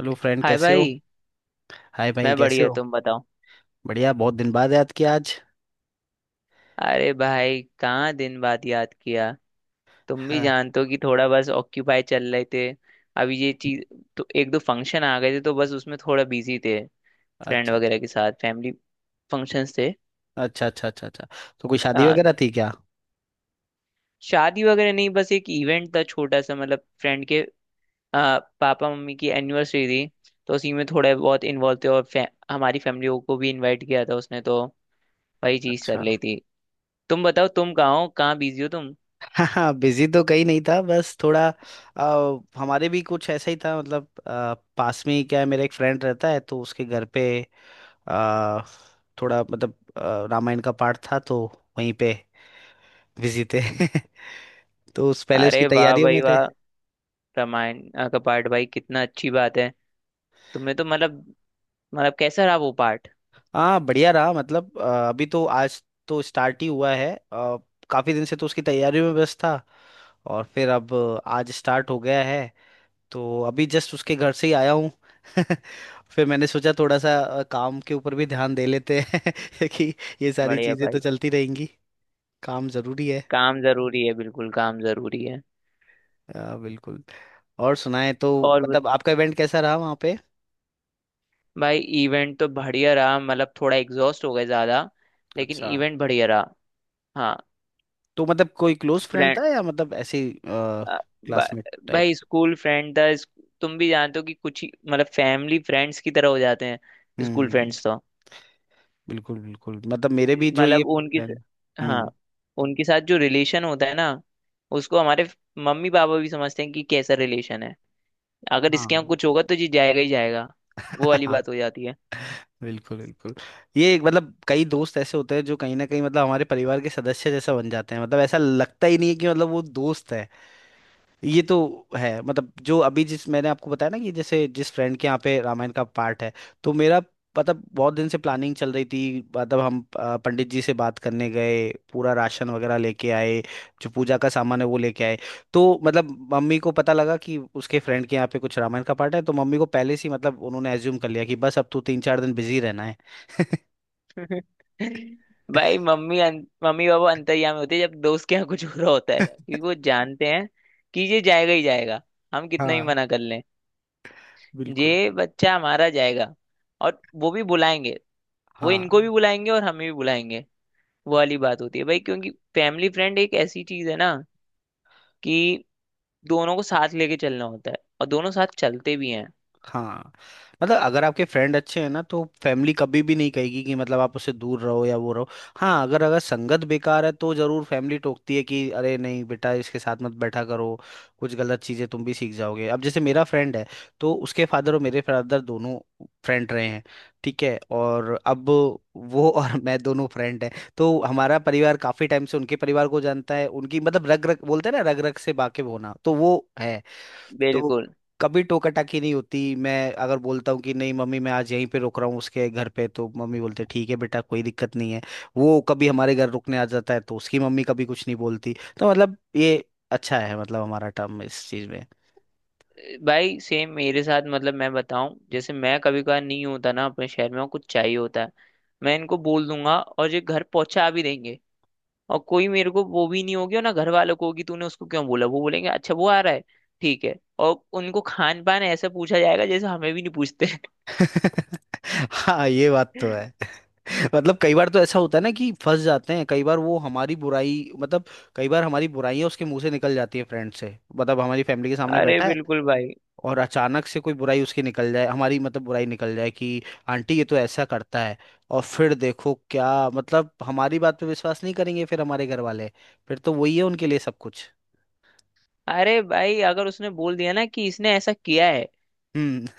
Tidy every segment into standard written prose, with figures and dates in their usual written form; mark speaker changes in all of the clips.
Speaker 1: Hello friend,
Speaker 2: hi
Speaker 1: कैसे हो।
Speaker 2: भाई।
Speaker 1: हाय भाई,
Speaker 2: मैं
Speaker 1: कैसे
Speaker 2: बढ़िया,
Speaker 1: हो।
Speaker 2: तुम बताओ।
Speaker 1: बढ़िया, बहुत दिन बाद याद किया आज।
Speaker 2: अरे भाई, कहाँ दिन बाद याद किया। तुम भी
Speaker 1: हाँ।
Speaker 2: जानते हो कि थोड़ा बस ऑक्यूपाई चल रहे थे। अभी ये चीज, तो एक दो फंक्शन आ गए थे तो बस उसमें थोड़ा बिजी थे। फ्रेंड
Speaker 1: अच्छा,
Speaker 2: वगैरह के साथ फैमिली फंक्शंस थे।
Speaker 1: अच्छा, अच्छा, अच्छा, अच्छा। तो कोई शादी
Speaker 2: आ,
Speaker 1: वगैरह थी क्या?
Speaker 2: शादी वगैरह नहीं, बस एक इवेंट था छोटा सा, मतलब फ्रेंड के पापा मम्मी की एनिवर्सरी थी। तो उसी में थोड़ा बहुत इन्वॉल्व थे और हमारी फैमिली को भी इन्वाइट किया था उसने, तो वही चीज
Speaker 1: अच्छा।
Speaker 2: चल रही थी। तुम बताओ, तुम कहाँ हो, कहाँ बिजी हो तुम।
Speaker 1: हाँ हाँ, बिजी तो कहीं नहीं था, बस थोड़ा हमारे भी कुछ ऐसा ही था, मतलब पास में ही क्या है, मेरा एक फ्रेंड रहता है तो उसके घर पे आ, थोड़ा मतलब रामायण का पाठ था तो वहीं पे बिजी थे। तो उस पहले उसकी
Speaker 2: अरे वाह
Speaker 1: तैयारियों में
Speaker 2: भाई
Speaker 1: थे।
Speaker 2: वाह। रामायण का पार्ट भाई, कितना अच्छी बात है। तुम्हें तो मतलब, मतलब कैसा रहा वो पार्ट।
Speaker 1: हाँ, बढ़िया रहा, मतलब अभी तो आज तो स्टार्ट ही हुआ है। काफी दिन से तो उसकी तैयारी में व्यस्त था, और फिर अब आज स्टार्ट हो गया है। तो अभी जस्ट उसके घर से ही आया हूँ। फिर मैंने सोचा थोड़ा सा काम के ऊपर भी ध्यान दे लेते हैं, कि ये सारी
Speaker 2: बढ़िया
Speaker 1: चीजें तो
Speaker 2: भाई।
Speaker 1: चलती रहेंगी। काम जरूरी है।
Speaker 2: काम जरूरी है, बिल्कुल काम जरूरी है।
Speaker 1: बिल्कुल। और सुनाए तो,
Speaker 2: और ब-
Speaker 1: मतलब आपका इवेंट कैसा रहा वहाँ पे?
Speaker 2: भाई, इवेंट तो बढ़िया रहा, मतलब थोड़ा एग्जॉस्ट हो गए ज्यादा, लेकिन
Speaker 1: अच्छा।
Speaker 2: इवेंट बढ़िया रहा। हाँ।
Speaker 1: तो मतलब कोई क्लोज फ्रेंड
Speaker 2: फ्रेंड,
Speaker 1: था या मतलब ऐसे क्लासमेट टाइप?
Speaker 2: भाई स्कूल फ्रेंड था तुम भी जानते हो कि कुछ ही मतलब फैमिली फ्रेंड्स की तरह हो जाते हैं, स्कूल
Speaker 1: हम्म।
Speaker 2: फ्रेंड्स तो।
Speaker 1: बिल्कुल बिल्कुल, मतलब मेरे भी जो ये
Speaker 2: मतलब उनके स-
Speaker 1: friend-
Speaker 2: हाँ,
Speaker 1: हम्म।
Speaker 2: उनके साथ जो रिलेशन होता है ना, उसको हमारे मम्मी पापा भी समझते हैं कि कैसा रिलेशन है। अगर इसके यहाँ
Speaker 1: हाँ।
Speaker 2: कुछ होगा तो ये जाएगा ही जाएगा। वो वाली
Speaker 1: हाँ।
Speaker 2: बात हो जाती है।
Speaker 1: बिल्कुल बिल्कुल। ये एक, मतलब कई दोस्त ऐसे होते हैं जो कहीं ना कहीं, मतलब हमारे परिवार के सदस्य जैसा बन जाते हैं, मतलब ऐसा लगता ही नहीं है कि मतलब वो दोस्त है। ये तो है, मतलब जो अभी, जिस मैंने आपको बताया ना कि जैसे जिस फ्रेंड के यहाँ पे रामायण का पार्ट है, तो मेरा मतलब बहुत दिन से प्लानिंग चल रही थी। मतलब हम पंडित जी से बात करने गए, पूरा राशन वगैरह लेके आए, जो पूजा का सामान है वो लेके आए। तो मतलब मम्मी को पता लगा कि उसके फ्रेंड के यहाँ पे कुछ रामायण का पार्ट है, तो मम्मी को पहले से ही, मतलब उन्होंने एज्यूम कर लिया कि बस अब तू तीन चार दिन बिजी रहना है।
Speaker 2: भाई मम्मी पापा अंतर्यामी होते हैं जब दोस्त के यहाँ कुछ हो रहा होता है, क्योंकि वो जानते हैं कि ये जाएगा ही जाएगा। हम कितना ही
Speaker 1: हाँ।
Speaker 2: मना कर लें,
Speaker 1: बिल्कुल।
Speaker 2: ये बच्चा हमारा जाएगा। और वो भी बुलाएंगे, वो इनको भी
Speaker 1: हाँ
Speaker 2: बुलाएंगे और हमें भी बुलाएंगे। वो वाली बात होती है भाई, क्योंकि फैमिली फ्रेंड एक ऐसी चीज है ना कि दोनों को साथ लेके चलना होता है और दोनों साथ चलते भी हैं।
Speaker 1: हाँ, मतलब अगर आपके फ्रेंड अच्छे हैं ना, तो फैमिली कभी भी नहीं कहेगी कि मतलब आप उससे दूर रहो या वो रहो। हाँ, अगर अगर संगत बेकार है तो जरूर फैमिली टोकती है कि अरे नहीं बेटा, इसके साथ मत बैठा करो। कुछ गलत चीजें तुम भी सीख जाओगे। अब जैसे मेरा फ्रेंड है, तो उसके फादर और मेरे फादर दोनों फ्रेंड रहे हैं, ठीक है? और अब वो और मैं दोनों फ्रेंड हैं। तो हमारा परिवार काफी टाइम से उनके परिवार को जानता है, उनकी मतलब रग रग, बोलते हैं ना, रग रग से वाकिफ होना, तो वो है। तो
Speaker 2: बिल्कुल।
Speaker 1: कभी टोकाटाकी नहीं होती। मैं अगर बोलता हूँ कि नहीं मम्मी, मैं आज यहीं पे रुक रहा हूँ उसके घर पे, तो मम्मी बोलते ठीक है बेटा, कोई दिक्कत नहीं है। वो कभी हमारे घर रुकने आ जाता है तो उसकी मम्मी कभी कुछ नहीं बोलती। तो मतलब ये अच्छा है, मतलब हमारा टर्म इस चीज में।
Speaker 2: भाई सेम मेरे साथ, मतलब मैं बताऊं, जैसे मैं कभी कभार नहीं होता ना अपने शहर में और कुछ चाहिए होता है, मैं इनको बोल दूंगा और ये घर पहुंचा भी देंगे। और कोई मेरे को वो भी नहीं होगी और ना घर वालों को होगी तूने उसको क्यों बोला, वो बोलेंगे अच्छा वो आ रहा है, ठीक है। और उनको खान पान ऐसा पूछा जाएगा जैसे हमें भी नहीं पूछते।
Speaker 1: हाँ, ये बात तो है। मतलब कई बार तो ऐसा होता है ना कि फंस जाते हैं। कई बार वो हमारी बुराई, मतलब कई बार हमारी बुराइयां उसके मुंह से निकल जाती है, फ्रेंड से, मतलब हमारी फैमिली के सामने
Speaker 2: अरे
Speaker 1: बैठा है।
Speaker 2: बिल्कुल भाई।
Speaker 1: और अचानक से कोई बुराई उसकी निकल जाए, हमारी मतलब बुराई निकल जाए कि आंटी ये तो ऐसा करता है। और फिर देखो क्या, मतलब हमारी बात पे विश्वास नहीं करेंगे फिर हमारे घर वाले। फिर तो वही है उनके लिए सब कुछ।
Speaker 2: अरे भाई, अगर उसने बोल दिया ना कि इसने ऐसा किया है,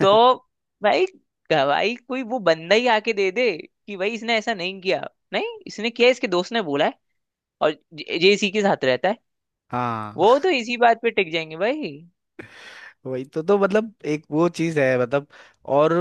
Speaker 2: तो भाई, गवाही कोई वो बंदा ही आके दे दे कि भाई इसने ऐसा नहीं किया। नहीं, इसने किया, इसके दोस्त ने बोला है और जे जे इसी के साथ रहता है।
Speaker 1: हाँ,
Speaker 2: वो तो इसी बात पे टिक जाएंगे भाई।
Speaker 1: वही तो मतलब एक वो चीज है, मतलब। और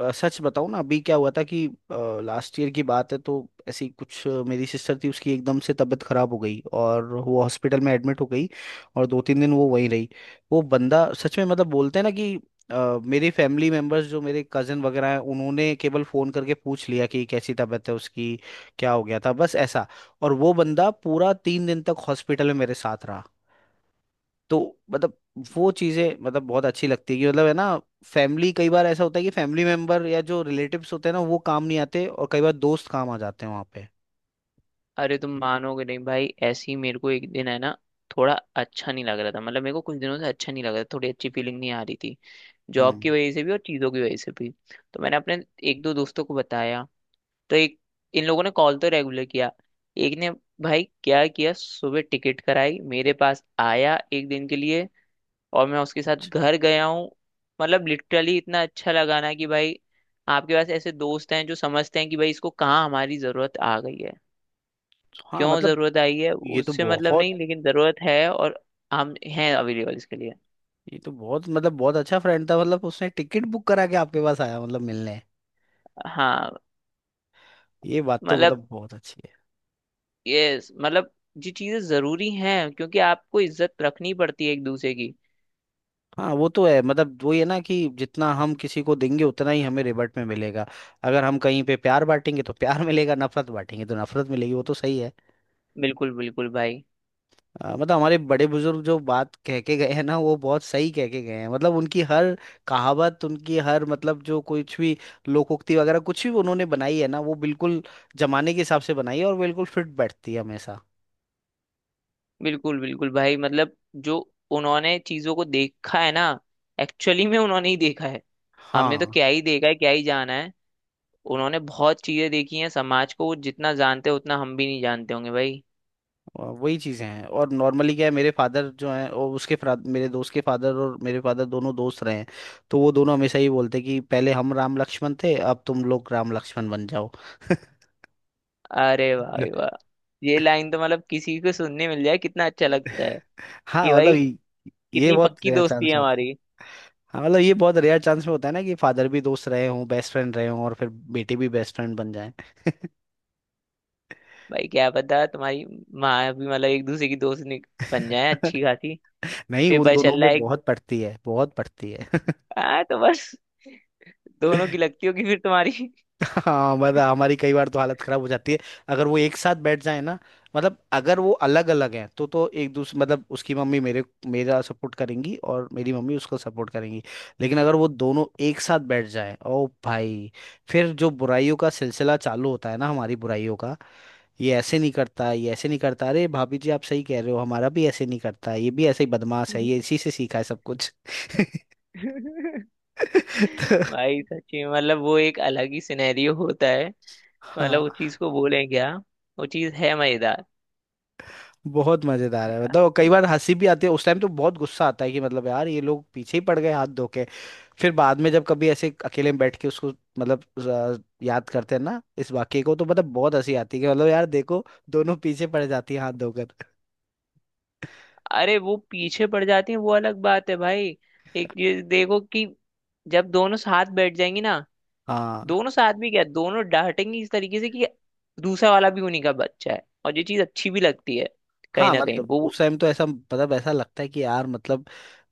Speaker 1: सच बताऊं ना, अभी क्या हुआ था कि लास्ट ईयर की बात है। तो ऐसी कुछ मेरी सिस्टर थी, उसकी एकदम से तबीयत खराब हो गई और वो हॉस्पिटल में एडमिट हो गई, और दो तीन दिन वो वहीं रही। वो बंदा सच में, मतलब बोलते हैं ना कि मेरे फैमिली मेंबर्स, जो मेरे कजन वगैरह हैं, उन्होंने केवल फोन करके पूछ लिया कि कैसी तबीयत है उसकी, क्या हो गया था, बस ऐसा। और वो बंदा पूरा तीन दिन तक हॉस्पिटल में मेरे साथ रहा। तो मतलब वो चीजें, मतलब बहुत अच्छी लगती है कि मतलब है ना, फैमिली, कई बार ऐसा होता है कि फैमिली मेंबर या जो रिलेटिव्स होते हैं ना, वो काम नहीं आते, और कई बार दोस्त काम आ जाते हैं वहां पे।
Speaker 2: अरे तुम मानोगे नहीं भाई, ऐसे ही मेरे को एक दिन है ना, थोड़ा अच्छा नहीं लग रहा था, मतलब मेरे को कुछ दिनों से अच्छा नहीं लग रहा था, थोड़ी अच्छी फीलिंग नहीं आ रही थी। जॉब
Speaker 1: हम्म।
Speaker 2: की वजह से भी और चीज़ों की वजह से भी। तो मैंने अपने एक दो दोस्तों को बताया। तो एक, इन लोगों ने कॉल तो रेगुलर किया। एक ने भाई क्या किया, सुबह टिकट कराई, मेरे पास आया एक दिन के लिए, और मैं उसके साथ घर गया हूँ। मतलब लिटरली इतना अच्छा लगा ना कि भाई, आपके पास ऐसे दोस्त हैं जो समझते हैं कि भाई इसको कहाँ हमारी जरूरत आ गई है।
Speaker 1: हाँ।
Speaker 2: क्यों
Speaker 1: मतलब
Speaker 2: जरूरत आई है
Speaker 1: ये तो
Speaker 2: उससे मतलब नहीं,
Speaker 1: बहुत
Speaker 2: लेकिन जरूरत है और हम हैं अवेलेबल इसके लिए।
Speaker 1: ये तो बहुत मतलब बहुत अच्छा फ्रेंड था, मतलब उसने टिकट बुक करा के आपके पास आया, मतलब मिलने।
Speaker 2: हाँ
Speaker 1: ये बात तो
Speaker 2: मतलब,
Speaker 1: मतलब बहुत अच्छी है।
Speaker 2: ये मतलब ये चीजें जरूरी हैं क्योंकि आपको इज्जत रखनी पड़ती है एक दूसरे की।
Speaker 1: हाँ, वो तो है, मतलब वो ये ना कि जितना हम किसी को देंगे उतना ही हमें रिबट में मिलेगा। अगर हम कहीं पे प्यार बांटेंगे तो प्यार मिलेगा, नफरत बांटेंगे तो नफरत मिलेगी, वो तो सही है।
Speaker 2: बिल्कुल बिल्कुल भाई।
Speaker 1: मतलब हमारे बड़े बुजुर्ग जो बात कह के गए हैं ना, वो बहुत सही कह के गए हैं, मतलब उनकी हर, कहावत उनकी हर, मतलब जो कुछ भी लोकोक्ति वगैरह कुछ भी उन्होंने बनाई है ना, वो बिल्कुल जमाने के हिसाब से बनाई है और बिल्कुल फिट बैठती है हमेशा।
Speaker 2: बिल्कुल बिल्कुल भाई, मतलब जो उन्होंने चीजों को देखा है ना, एक्चुअली में उन्होंने ही देखा है। हमने तो
Speaker 1: हाँ,
Speaker 2: क्या ही देखा है, क्या ही जाना है। उन्होंने बहुत चीजें देखी हैं, समाज को वो जितना जानते हैं उतना हम भी नहीं जानते होंगे भाई।
Speaker 1: वही चीजें हैं। और नॉर्मली क्या है, मेरे फादर जो हैं और उसके मेरे दोस्त के फादर और मेरे फादर दोनों दोस्त रहे हैं। तो वो दोनों हमेशा ही बोलते कि पहले हम राम लक्ष्मण थे, अब तुम लोग राम लक्ष्मण बन जाओ।
Speaker 2: अरे भाई वाह। ये लाइन तो मतलब किसी को सुनने मिल जाए कितना अच्छा लगता है कि
Speaker 1: हाँ मतलब
Speaker 2: भाई
Speaker 1: ये
Speaker 2: कितनी
Speaker 1: बहुत
Speaker 2: पक्की
Speaker 1: रेयर
Speaker 2: दोस्ती
Speaker 1: चांस
Speaker 2: है
Speaker 1: होता है।
Speaker 2: हमारी।
Speaker 1: हाँ, मतलब ये बहुत रेयर चांस में होता है ना कि फादर भी दोस्त रहे हों, बेस्ट फ्रेंड रहे हों, और फिर बेटे भी बेस्ट फ्रेंड बन जाएं।
Speaker 2: भाई क्या पता तुम्हारी माँ भी मतलब एक दूसरे की बन जाए अच्छी खासी।
Speaker 1: नहीं, उन
Speaker 2: पेपर
Speaker 1: दोनों
Speaker 2: चल रहा
Speaker 1: में
Speaker 2: है।
Speaker 1: बहुत पड़ती है, बहुत पड़ती है।
Speaker 2: हाँ तो बस, दोनों की लगती होगी फिर तुम्हारी।
Speaker 1: हाँ मतलब हमारी कई बार तो हालत खराब हो जाती है, अगर वो एक साथ बैठ जाए ना। मतलब अगर वो अलग अलग हैं तो एक दूसरे, मतलब उसकी मम्मी मेरे मेरा सपोर्ट करेंगी और मेरी मम्मी उसको सपोर्ट करेंगी। लेकिन अगर वो दोनों एक साथ बैठ जाएं, ओ भाई, फिर जो बुराइयों का सिलसिला चालू होता है ना, हमारी बुराइयों का। ये ऐसे नहीं करता, ये ऐसे नहीं करता, अरे भाभी जी आप सही कह रहे हो, हमारा भी ऐसे नहीं करता, ये भी ऐसे ही बदमाश है, ये इसी से सीखा है सब कुछ। तो
Speaker 2: भाई सच्ची में, मतलब वो एक अलग ही सिनेरियो होता है। मतलब उस चीज
Speaker 1: हाँ,
Speaker 2: को बोले क्या, वो चीज है मजेदार।
Speaker 1: बहुत मजेदार है, मतलब कई बार हंसी भी आती है। उस टाइम तो बहुत गुस्सा आता है कि मतलब यार ये लोग पीछे ही पड़ गए हाथ धो के। फिर बाद में जब कभी ऐसे अकेले में बैठ के उसको, मतलब याद करते हैं ना इस वाक्य को, तो मतलब बहुत हंसी आती है कि मतलब यार देखो, दोनों पीछे पड़ जाती है हाथ धोकर।
Speaker 2: अरे वो पीछे पड़ जाती है वो अलग बात है भाई। एक चीज देखो कि जब दोनों साथ बैठ जाएंगी ना,
Speaker 1: हाँ
Speaker 2: दोनों साथ भी क्या, दोनों डांटेंगी इस तरीके से कि दूसरा वाला भी उन्हीं का बच्चा है, और ये चीज अच्छी भी लगती है
Speaker 1: हाँ,
Speaker 2: कहीं
Speaker 1: है
Speaker 2: ना
Speaker 1: ना,
Speaker 2: कहीं
Speaker 1: मतलब उस
Speaker 2: वो।
Speaker 1: टाइम तो ऐसा, मतलब ऐसा लगता है कि यार मतलब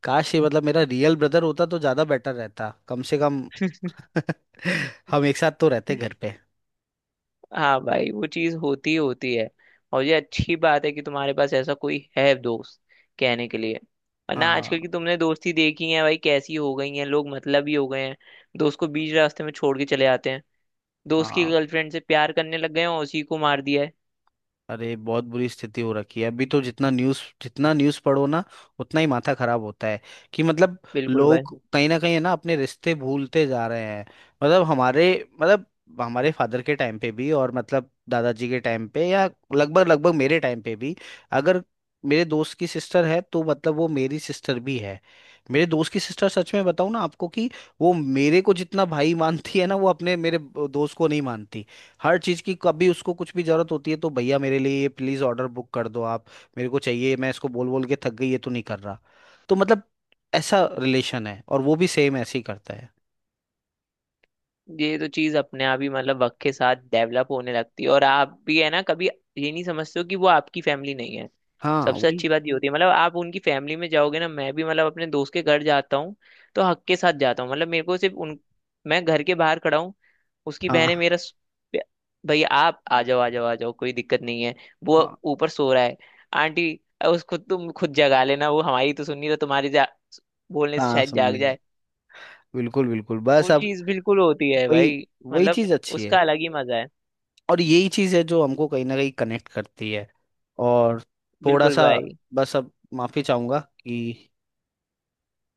Speaker 1: काश ये, मतलब मेरा रियल ब्रदर होता तो ज्यादा बेटर रहता, कम से कम। हम एक साथ तो रहते घर पे।
Speaker 2: हाँ भाई, वो चीज होती ही होती है। और ये अच्छी बात है कि तुम्हारे पास ऐसा कोई है दोस्त कहने के लिए। वरना
Speaker 1: हाँ
Speaker 2: आजकल की तुमने दोस्ती देखी है भाई, कैसी हो गई है, लोग मतलब ही हो गए हैं। दोस्त को बीच रास्ते में छोड़ के चले आते हैं, दोस्त की
Speaker 1: हाँ।
Speaker 2: गर्लफ्रेंड से प्यार करने लग गए हैं और उसी को मार दिया है।
Speaker 1: अरे बहुत बुरी स्थिति हो रखी है अभी तो, जितना न्यूज़ पढ़ो ना, उतना ही माथा खराब होता है। कि मतलब
Speaker 2: बिल्कुल भाई।
Speaker 1: लोग कहीं ना कहीं है ना, अपने रिश्ते भूलते जा रहे हैं। मतलब मतलब हमारे फादर के टाइम पे भी, और मतलब दादाजी के टाइम पे, या लगभग लगभग मेरे टाइम पे भी। अगर मेरे दोस्त की सिस्टर है तो मतलब वो मेरी सिस्टर भी है। मेरे दोस्त की सिस्टर, सच में बताऊं ना आपको कि वो मेरे को जितना भाई मानती है ना, वो अपने मेरे दोस्त को नहीं मानती। हर चीज़ की, कभी उसको कुछ भी ज़रूरत होती है तो भैया मेरे लिए ये प्लीज़ ऑर्डर बुक कर दो आप, मेरे को चाहिए, मैं इसको बोल बोल के थक गई, ये तो नहीं कर रहा। तो मतलब ऐसा रिलेशन है, और वो भी सेम ऐसे ही करता है।
Speaker 2: ये तो चीज अपने आप ही मतलब वक्त के साथ डेवलप होने लगती है, और आप भी है ना, कभी ये नहीं समझते हो कि वो आपकी फैमिली नहीं है।
Speaker 1: हाँ,
Speaker 2: सबसे
Speaker 1: वही।
Speaker 2: अच्छी बात ये होती है, मतलब आप उनकी फैमिली में जाओगे ना, मैं भी मतलब अपने दोस्त के घर जाता हूँ तो हक के साथ जाता हूँ। मतलब मेरे को सिर्फ उन, मैं घर के बाहर खड़ा हूँ, उसकी बहन है
Speaker 1: हाँ
Speaker 2: मेरा स- भैया आप आ जाओ आ जाओ आ जाओ, कोई दिक्कत नहीं है। वो
Speaker 1: हाँ
Speaker 2: ऊपर सो रहा है। आंटी, उसको तुम खुद जगा लेना, वो हमारी तो सुन नहीं रहा, तुम्हारी जा बोलने से
Speaker 1: हाँ।
Speaker 2: शायद
Speaker 1: सुन
Speaker 2: जाग
Speaker 1: लेगा।
Speaker 2: जाए।
Speaker 1: बिल्कुल बिल्कुल, बस
Speaker 2: वो
Speaker 1: अब।
Speaker 2: चीज बिल्कुल होती है
Speaker 1: वही
Speaker 2: भाई।
Speaker 1: वही
Speaker 2: मतलब
Speaker 1: चीज़ अच्छी है।
Speaker 2: उसका अलग ही मजा है।
Speaker 1: और यही चीज़ है जो हमको कहीं ना कहीं कनेक्ट करती है। और थोड़ा
Speaker 2: बिल्कुल
Speaker 1: सा,
Speaker 2: भाई।
Speaker 1: बस अब माफ़ी चाहूँगा कि